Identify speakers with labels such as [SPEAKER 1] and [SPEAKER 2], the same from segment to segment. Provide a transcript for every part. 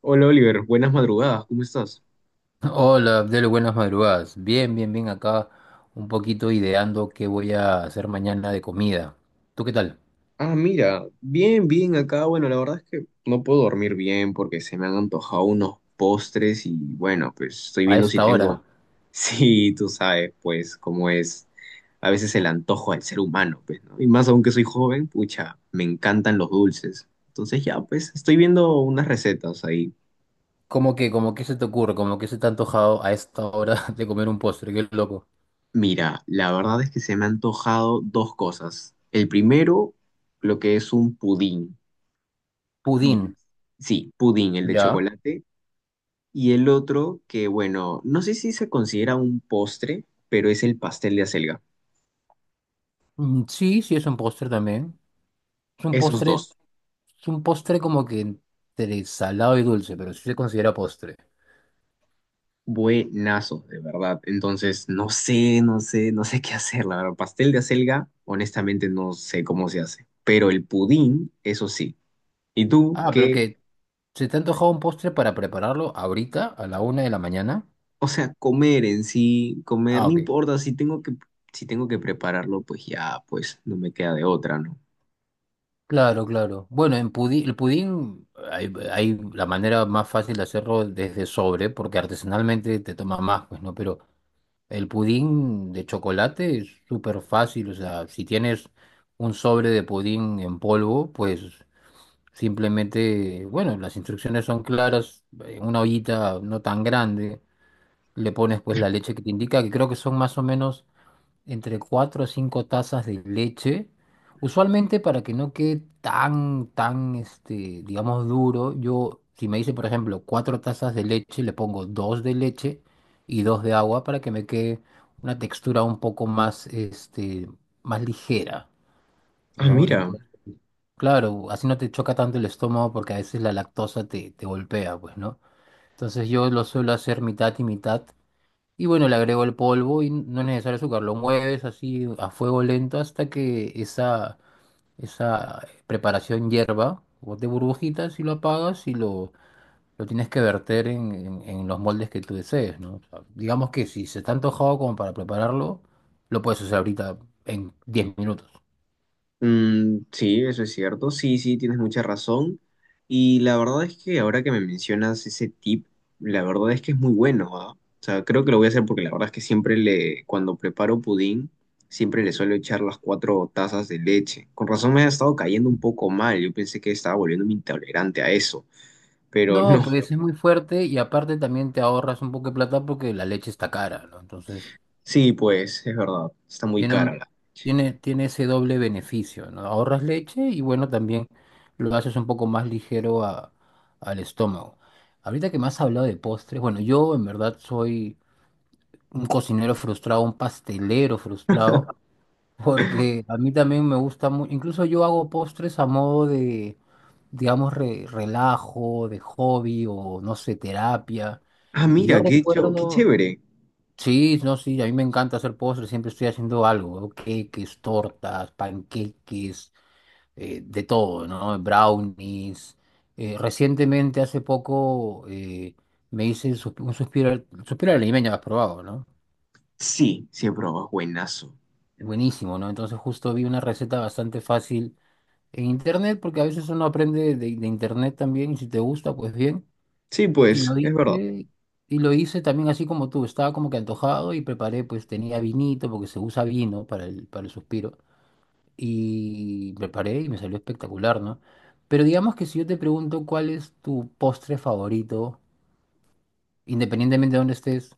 [SPEAKER 1] Hola Oliver, buenas madrugadas, ¿cómo estás?
[SPEAKER 2] Hola, Abdel, buenas madrugadas. Bien, bien, bien acá, un poquito ideando qué voy a hacer mañana de comida. ¿Tú qué tal?
[SPEAKER 1] Ah, mira, bien, bien acá. Bueno, la verdad es que no puedo dormir bien porque se me han antojado unos postres y bueno, pues estoy
[SPEAKER 2] A
[SPEAKER 1] viendo si
[SPEAKER 2] esta hora.
[SPEAKER 1] tengo... Sí, tú sabes, pues cómo es a veces el antojo del ser humano, pues, ¿no? Y más aún que soy joven, pucha, me encantan los dulces. Entonces ya, pues estoy viendo unas recetas ahí.
[SPEAKER 2] ¿Cómo que se te ocurre? ¿Cómo que se te ha antojado a esta hora de comer un postre? Qué loco.
[SPEAKER 1] Mira, la verdad es que se me han antojado dos cosas. El primero, lo que es un pudín.
[SPEAKER 2] Pudín.
[SPEAKER 1] Y sí, pudín, el de
[SPEAKER 2] ¿Ya?
[SPEAKER 1] chocolate. Y el otro que, bueno, no sé si se considera un postre, pero es el pastel de acelga.
[SPEAKER 2] Mm, sí, sí, es un postre también. Es un
[SPEAKER 1] Esos
[SPEAKER 2] postre,
[SPEAKER 1] dos,
[SPEAKER 2] es un postre, como que entre salado y dulce, pero sí se considera postre.
[SPEAKER 1] buenazos, de verdad. Entonces, no sé qué hacer, la verdad. Pastel de acelga, honestamente no sé cómo se hace. Pero el pudín, eso sí. ¿Y tú
[SPEAKER 2] Ah,
[SPEAKER 1] qué?
[SPEAKER 2] ¿se te ha antojado un postre para prepararlo ahorita, a la una de la mañana?
[SPEAKER 1] O sea, comer en sí, comer,
[SPEAKER 2] Ah,
[SPEAKER 1] no
[SPEAKER 2] ok.
[SPEAKER 1] importa, si tengo que prepararlo, pues ya, pues no me queda de otra, ¿no?
[SPEAKER 2] Claro, claro. Bueno, el pudín, hay la manera más fácil de hacerlo desde sobre, porque artesanalmente te toma más, pues, ¿no? Pero el pudín de chocolate es súper fácil, o sea, si tienes un sobre de pudín en polvo, pues simplemente, bueno, las instrucciones son claras. En una ollita no tan grande, le pones pues la leche que te indica, que creo que son más o menos entre 4 o 5 tazas de leche. Usualmente, para que no quede tan, digamos, duro, yo, si me dice, por ejemplo, 4 tazas de leche, le pongo 2 de leche y 2 de agua para que me quede una textura un poco más, más ligera,
[SPEAKER 1] Ah,
[SPEAKER 2] ¿no?
[SPEAKER 1] mira.
[SPEAKER 2] Entonces, claro, así no te choca tanto el estómago, porque a veces la lactosa te golpea, pues, ¿no? Entonces yo lo suelo hacer mitad y mitad. Y bueno, le agrego el polvo y no es necesario azúcar. Lo mueves así a fuego lento hasta que esa preparación hierva o de burbujitas, y lo apagas y lo tienes que verter en los moldes que tú desees, ¿no? O sea, digamos que si se está antojado como para prepararlo, lo puedes hacer ahorita en 10 minutos.
[SPEAKER 1] Mm, sí, eso es cierto. Sí, sí, tienes mucha razón. Y la verdad es que ahora que me mencionas ese tip, la verdad es que es muy bueno, ¿ah? O sea, creo que lo voy a hacer porque la verdad es que siempre le, cuando preparo pudín, siempre le suelo echar las cuatro tazas de leche. Con razón me ha estado cayendo un poco mal. Yo pensé que estaba volviéndome intolerante a eso, pero
[SPEAKER 2] No,
[SPEAKER 1] no.
[SPEAKER 2] pues es muy fuerte, y aparte también te ahorras un poco de plata porque la leche está cara, ¿no? Entonces
[SPEAKER 1] Sí, pues, es verdad. Está muy
[SPEAKER 2] Tiene
[SPEAKER 1] cara
[SPEAKER 2] un,
[SPEAKER 1] la.
[SPEAKER 2] tiene ese doble beneficio, ¿no? Ahorras leche y bueno, también lo haces un poco más ligero al estómago. Ahorita que me has hablado de postres, bueno, yo en verdad soy un cocinero frustrado, un pastelero frustrado, porque a mí también me gusta mucho, incluso yo hago postres a modo de, digamos, relajo, de hobby, o no sé, terapia.
[SPEAKER 1] Ah,
[SPEAKER 2] Y yo
[SPEAKER 1] mira, qué, cho- qué
[SPEAKER 2] recuerdo,
[SPEAKER 1] chévere.
[SPEAKER 2] Sí, no, sí, a mí me encanta hacer postres, siempre estoy haciendo algo, ¿no? Queques, tortas, panqueques, de todo, ¿no? Brownies. Recientemente, hace poco, me hice un suspiro, suspiro al limeño, has probado, ¿no?
[SPEAKER 1] Sí, sí he probado, es buenazo.
[SPEAKER 2] Buenísimo, ¿no? Entonces justo vi una receta bastante fácil en internet, porque a veces uno aprende de, internet también, y si te gusta, pues bien.
[SPEAKER 1] Sí,
[SPEAKER 2] Y lo
[SPEAKER 1] pues, es verdad.
[SPEAKER 2] hice, y lo hice también así como tú, estaba como que antojado y preparé, pues tenía vinito, porque se usa vino para el suspiro, y preparé y me salió espectacular, ¿no? Pero digamos que si yo te pregunto cuál es tu postre favorito, independientemente de dónde estés,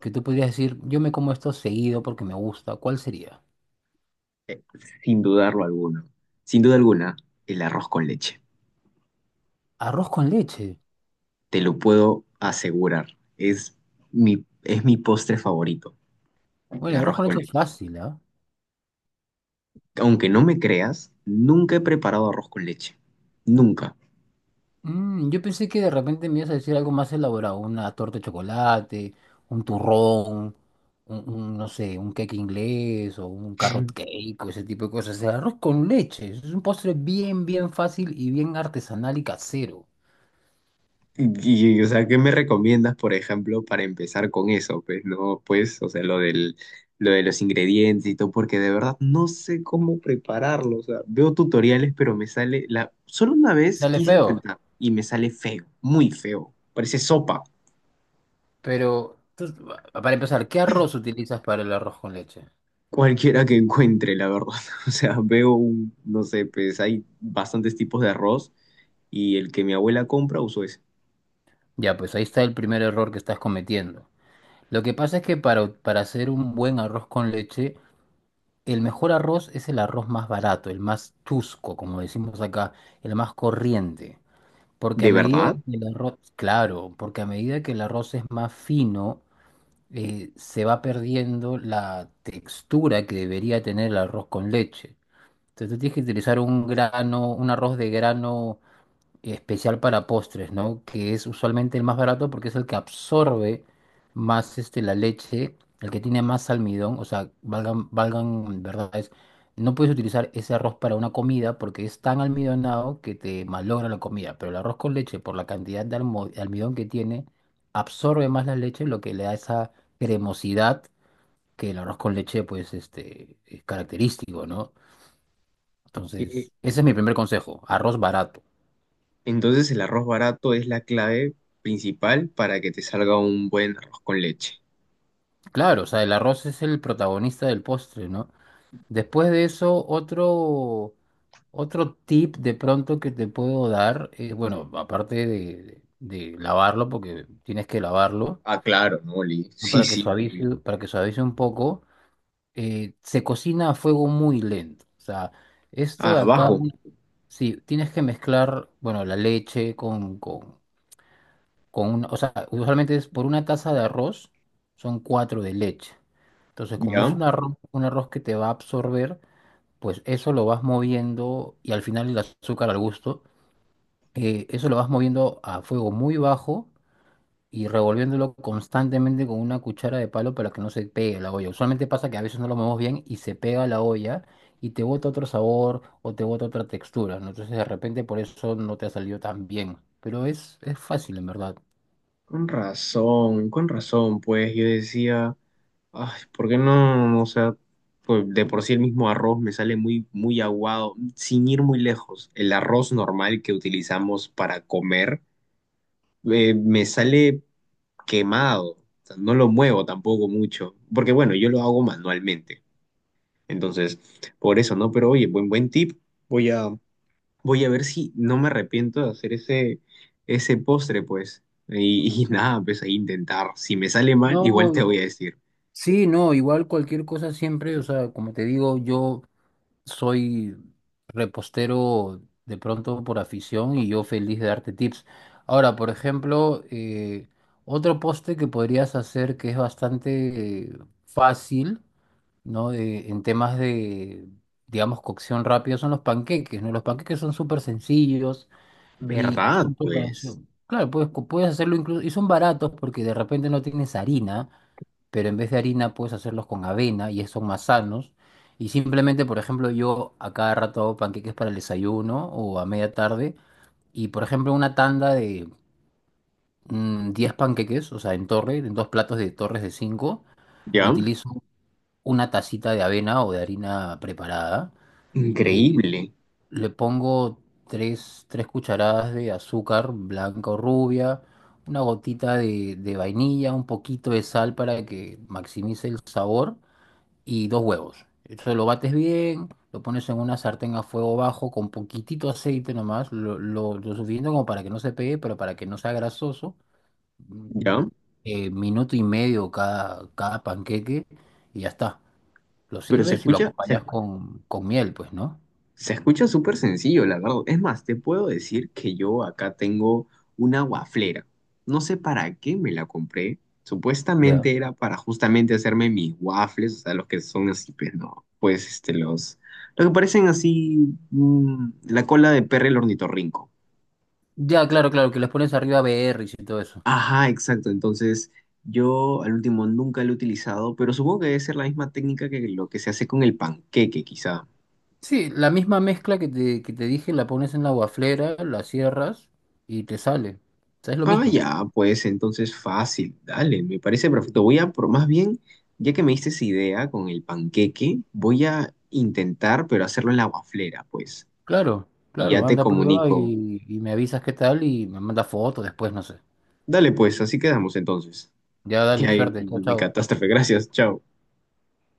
[SPEAKER 2] que tú podrías decir, yo me como esto seguido porque me gusta, ¿cuál sería?
[SPEAKER 1] Eh, Sin dudarlo alguno. Sin duda alguna, el arroz con leche.
[SPEAKER 2] Arroz con leche.
[SPEAKER 1] Te lo puedo asegurar. Es es mi postre favorito, el
[SPEAKER 2] Bueno, el arroz
[SPEAKER 1] arroz
[SPEAKER 2] con
[SPEAKER 1] con
[SPEAKER 2] leche es
[SPEAKER 1] leche.
[SPEAKER 2] fácil, ¿ah?
[SPEAKER 1] Aunque no me creas, nunca he preparado arroz con leche. Nunca.
[SPEAKER 2] Yo pensé que de repente me ibas a decir algo más elaborado, una torta de chocolate, un turrón, no sé, un cake inglés o un carrot cake o ese tipo de cosas. O sea, arroz con leche. Es un postre bien, bien fácil y bien artesanal y casero.
[SPEAKER 1] Y, o sea, ¿qué me recomiendas, por ejemplo, para empezar con eso? Pues no, pues, o sea, lo de los ingredientes y todo, porque de verdad no sé cómo prepararlo. O sea, veo tutoriales, pero me sale la... Solo una vez
[SPEAKER 2] Sale
[SPEAKER 1] quise
[SPEAKER 2] feo,
[SPEAKER 1] intentar y me sale feo, muy feo. Parece sopa,
[SPEAKER 2] pero para empezar, ¿qué arroz utilizas para el arroz con leche?
[SPEAKER 1] cualquiera que encuentre, la verdad. O sea, veo un, no sé, pues hay bastantes tipos de arroz y el que mi abuela compra uso ese.
[SPEAKER 2] Ya, pues ahí está el primer error que estás cometiendo. Lo que pasa es que para hacer un buen arroz con leche, el mejor arroz es el arroz más barato, el más chusco, como decimos acá, el más corriente. Porque a
[SPEAKER 1] ¿De
[SPEAKER 2] medida
[SPEAKER 1] verdad?
[SPEAKER 2] que el arroz, claro, porque a medida que el arroz es más fino, se va perdiendo la textura que debería tener el arroz con leche. Entonces tú tienes que utilizar un grano, un arroz de grano especial para postres, ¿no? Que es usualmente el más barato porque es el que absorbe más, la leche, el que tiene más almidón, o sea, valgan, valgan, ¿verdad? No puedes utilizar ese arroz para una comida porque es tan almidonado que te malogra la comida, pero el arroz con leche, por la cantidad de de almidón que tiene, absorbe más la leche, lo que le da esa cremosidad que el arroz con leche, pues, es característico, ¿no? Entonces, ese es mi primer consejo, arroz barato.
[SPEAKER 1] Entonces el arroz barato es la clave principal para que te salga un buen arroz con leche.
[SPEAKER 2] Claro, o sea, el arroz es el protagonista del postre, ¿no? Después de eso, otro tip de pronto que te puedo dar, bueno, aparte lavarlo, porque tienes que lavarlo,
[SPEAKER 1] Ah, claro, ¿no, Oli?
[SPEAKER 2] ¿no?
[SPEAKER 1] Sí,
[SPEAKER 2] para que
[SPEAKER 1] sí, obvio.
[SPEAKER 2] suavice, para que suavice un poco, se cocina a fuego muy lento. O sea, esto
[SPEAKER 1] Ah,
[SPEAKER 2] de acá,
[SPEAKER 1] abajo,
[SPEAKER 2] sí, tienes que mezclar, bueno, la leche con, o sea, usualmente es por una taza de arroz, son cuatro de leche. Entonces, como es
[SPEAKER 1] ¿ya?
[SPEAKER 2] un arroz que te va a absorber, pues eso lo vas moviendo, y al final el azúcar al gusto, eso lo vas moviendo a fuego muy bajo y revolviéndolo constantemente con una cuchara de palo para que no se pegue la olla. Usualmente pasa que a veces no lo movemos bien y se pega la olla y te bota otro sabor o te bota otra textura, ¿no? Entonces, de repente por eso no te ha salido tan bien. Pero es fácil, en verdad.
[SPEAKER 1] Con razón, pues yo decía, ay, ¿por qué no? O sea, pues de por sí el mismo arroz me sale muy, muy aguado, sin ir muy lejos. El arroz normal que utilizamos para comer me sale quemado, o sea, no lo muevo tampoco mucho, porque bueno, yo lo hago manualmente. Entonces, por eso, ¿no? Pero oye, buen, buen tip. Voy a, voy a ver si no me arrepiento de hacer ese postre, pues. Y nada, pues a intentar. Si me sale mal, igual
[SPEAKER 2] No,
[SPEAKER 1] te voy a decir.
[SPEAKER 2] sí, no, igual cualquier cosa siempre, o sea, como te digo, yo soy repostero de pronto por afición, y yo feliz de darte tips. Ahora, por ejemplo, otro poste que podrías hacer que es bastante fácil, ¿no? En temas de, digamos, cocción rápida son los panqueques, ¿no? Los panqueques son súper sencillos y
[SPEAKER 1] ¿Verdad?
[SPEAKER 2] su
[SPEAKER 1] Pues,
[SPEAKER 2] preparación. Claro, puedes hacerlo incluso, y son baratos porque de repente no tienes harina, pero en vez de harina puedes hacerlos con avena y son más sanos. Y simplemente, por ejemplo, yo a cada rato hago panqueques para el desayuno o a media tarde. Y, por ejemplo, una tanda de 10 panqueques, o sea, en torre, en dos platos de torres de cinco,
[SPEAKER 1] ¿ya?
[SPEAKER 2] utilizo una tacita de avena o de harina preparada. eh,
[SPEAKER 1] Increíble,
[SPEAKER 2] Le pongo tres cucharadas de azúcar blanca o rubia, una gotita de, vainilla, un poquito de sal para que maximice el sabor, y dos huevos. Entonces lo bates bien, lo pones en una sartén a fuego bajo con poquitito aceite nomás, lo suficiente como para que no se pegue, pero para que no sea grasoso. Mm,
[SPEAKER 1] ¿ya?
[SPEAKER 2] Minuto y medio cada panqueque y ya está. Lo
[SPEAKER 1] Pero se
[SPEAKER 2] sirves y lo
[SPEAKER 1] escucha,
[SPEAKER 2] acompañas
[SPEAKER 1] se
[SPEAKER 2] con, miel, pues, ¿no?
[SPEAKER 1] Se escucha súper sencillo, la verdad. Es más, te puedo decir que yo acá tengo una waflera. No sé para qué me la compré.
[SPEAKER 2] Ya.
[SPEAKER 1] Supuestamente era para justamente hacerme mis waffles, o sea, los que son así, pues no, pues este, los que parecen así, mm, la cola de perro el ornitorrinco.
[SPEAKER 2] Ya, claro, claro, que les pones arriba berries y todo eso.
[SPEAKER 1] Ajá, exacto. Entonces, yo al último nunca lo he utilizado, pero supongo que debe ser la misma técnica que lo que se hace con el panqueque, quizá.
[SPEAKER 2] Sí, la misma mezcla que te dije, la pones en la guaflera, la cierras y te sale. O sea, es lo
[SPEAKER 1] Ah,
[SPEAKER 2] mismo.
[SPEAKER 1] ya, pues entonces fácil, dale, me parece perfecto. Voy a, pro- más bien, ya que me diste esa idea con el panqueque, voy a intentar, pero hacerlo en la waflera, pues.
[SPEAKER 2] Claro,
[SPEAKER 1] Y
[SPEAKER 2] claro,
[SPEAKER 1] ya te
[SPEAKER 2] anda a prueba
[SPEAKER 1] comunico.
[SPEAKER 2] y me avisas qué tal y me manda fotos después, no sé.
[SPEAKER 1] Dale, pues, así quedamos entonces.
[SPEAKER 2] Ya
[SPEAKER 1] Y
[SPEAKER 2] dale,
[SPEAKER 1] ahí
[SPEAKER 2] suerte, chao,
[SPEAKER 1] mi
[SPEAKER 2] chao.
[SPEAKER 1] catástrofe, gracias, chao.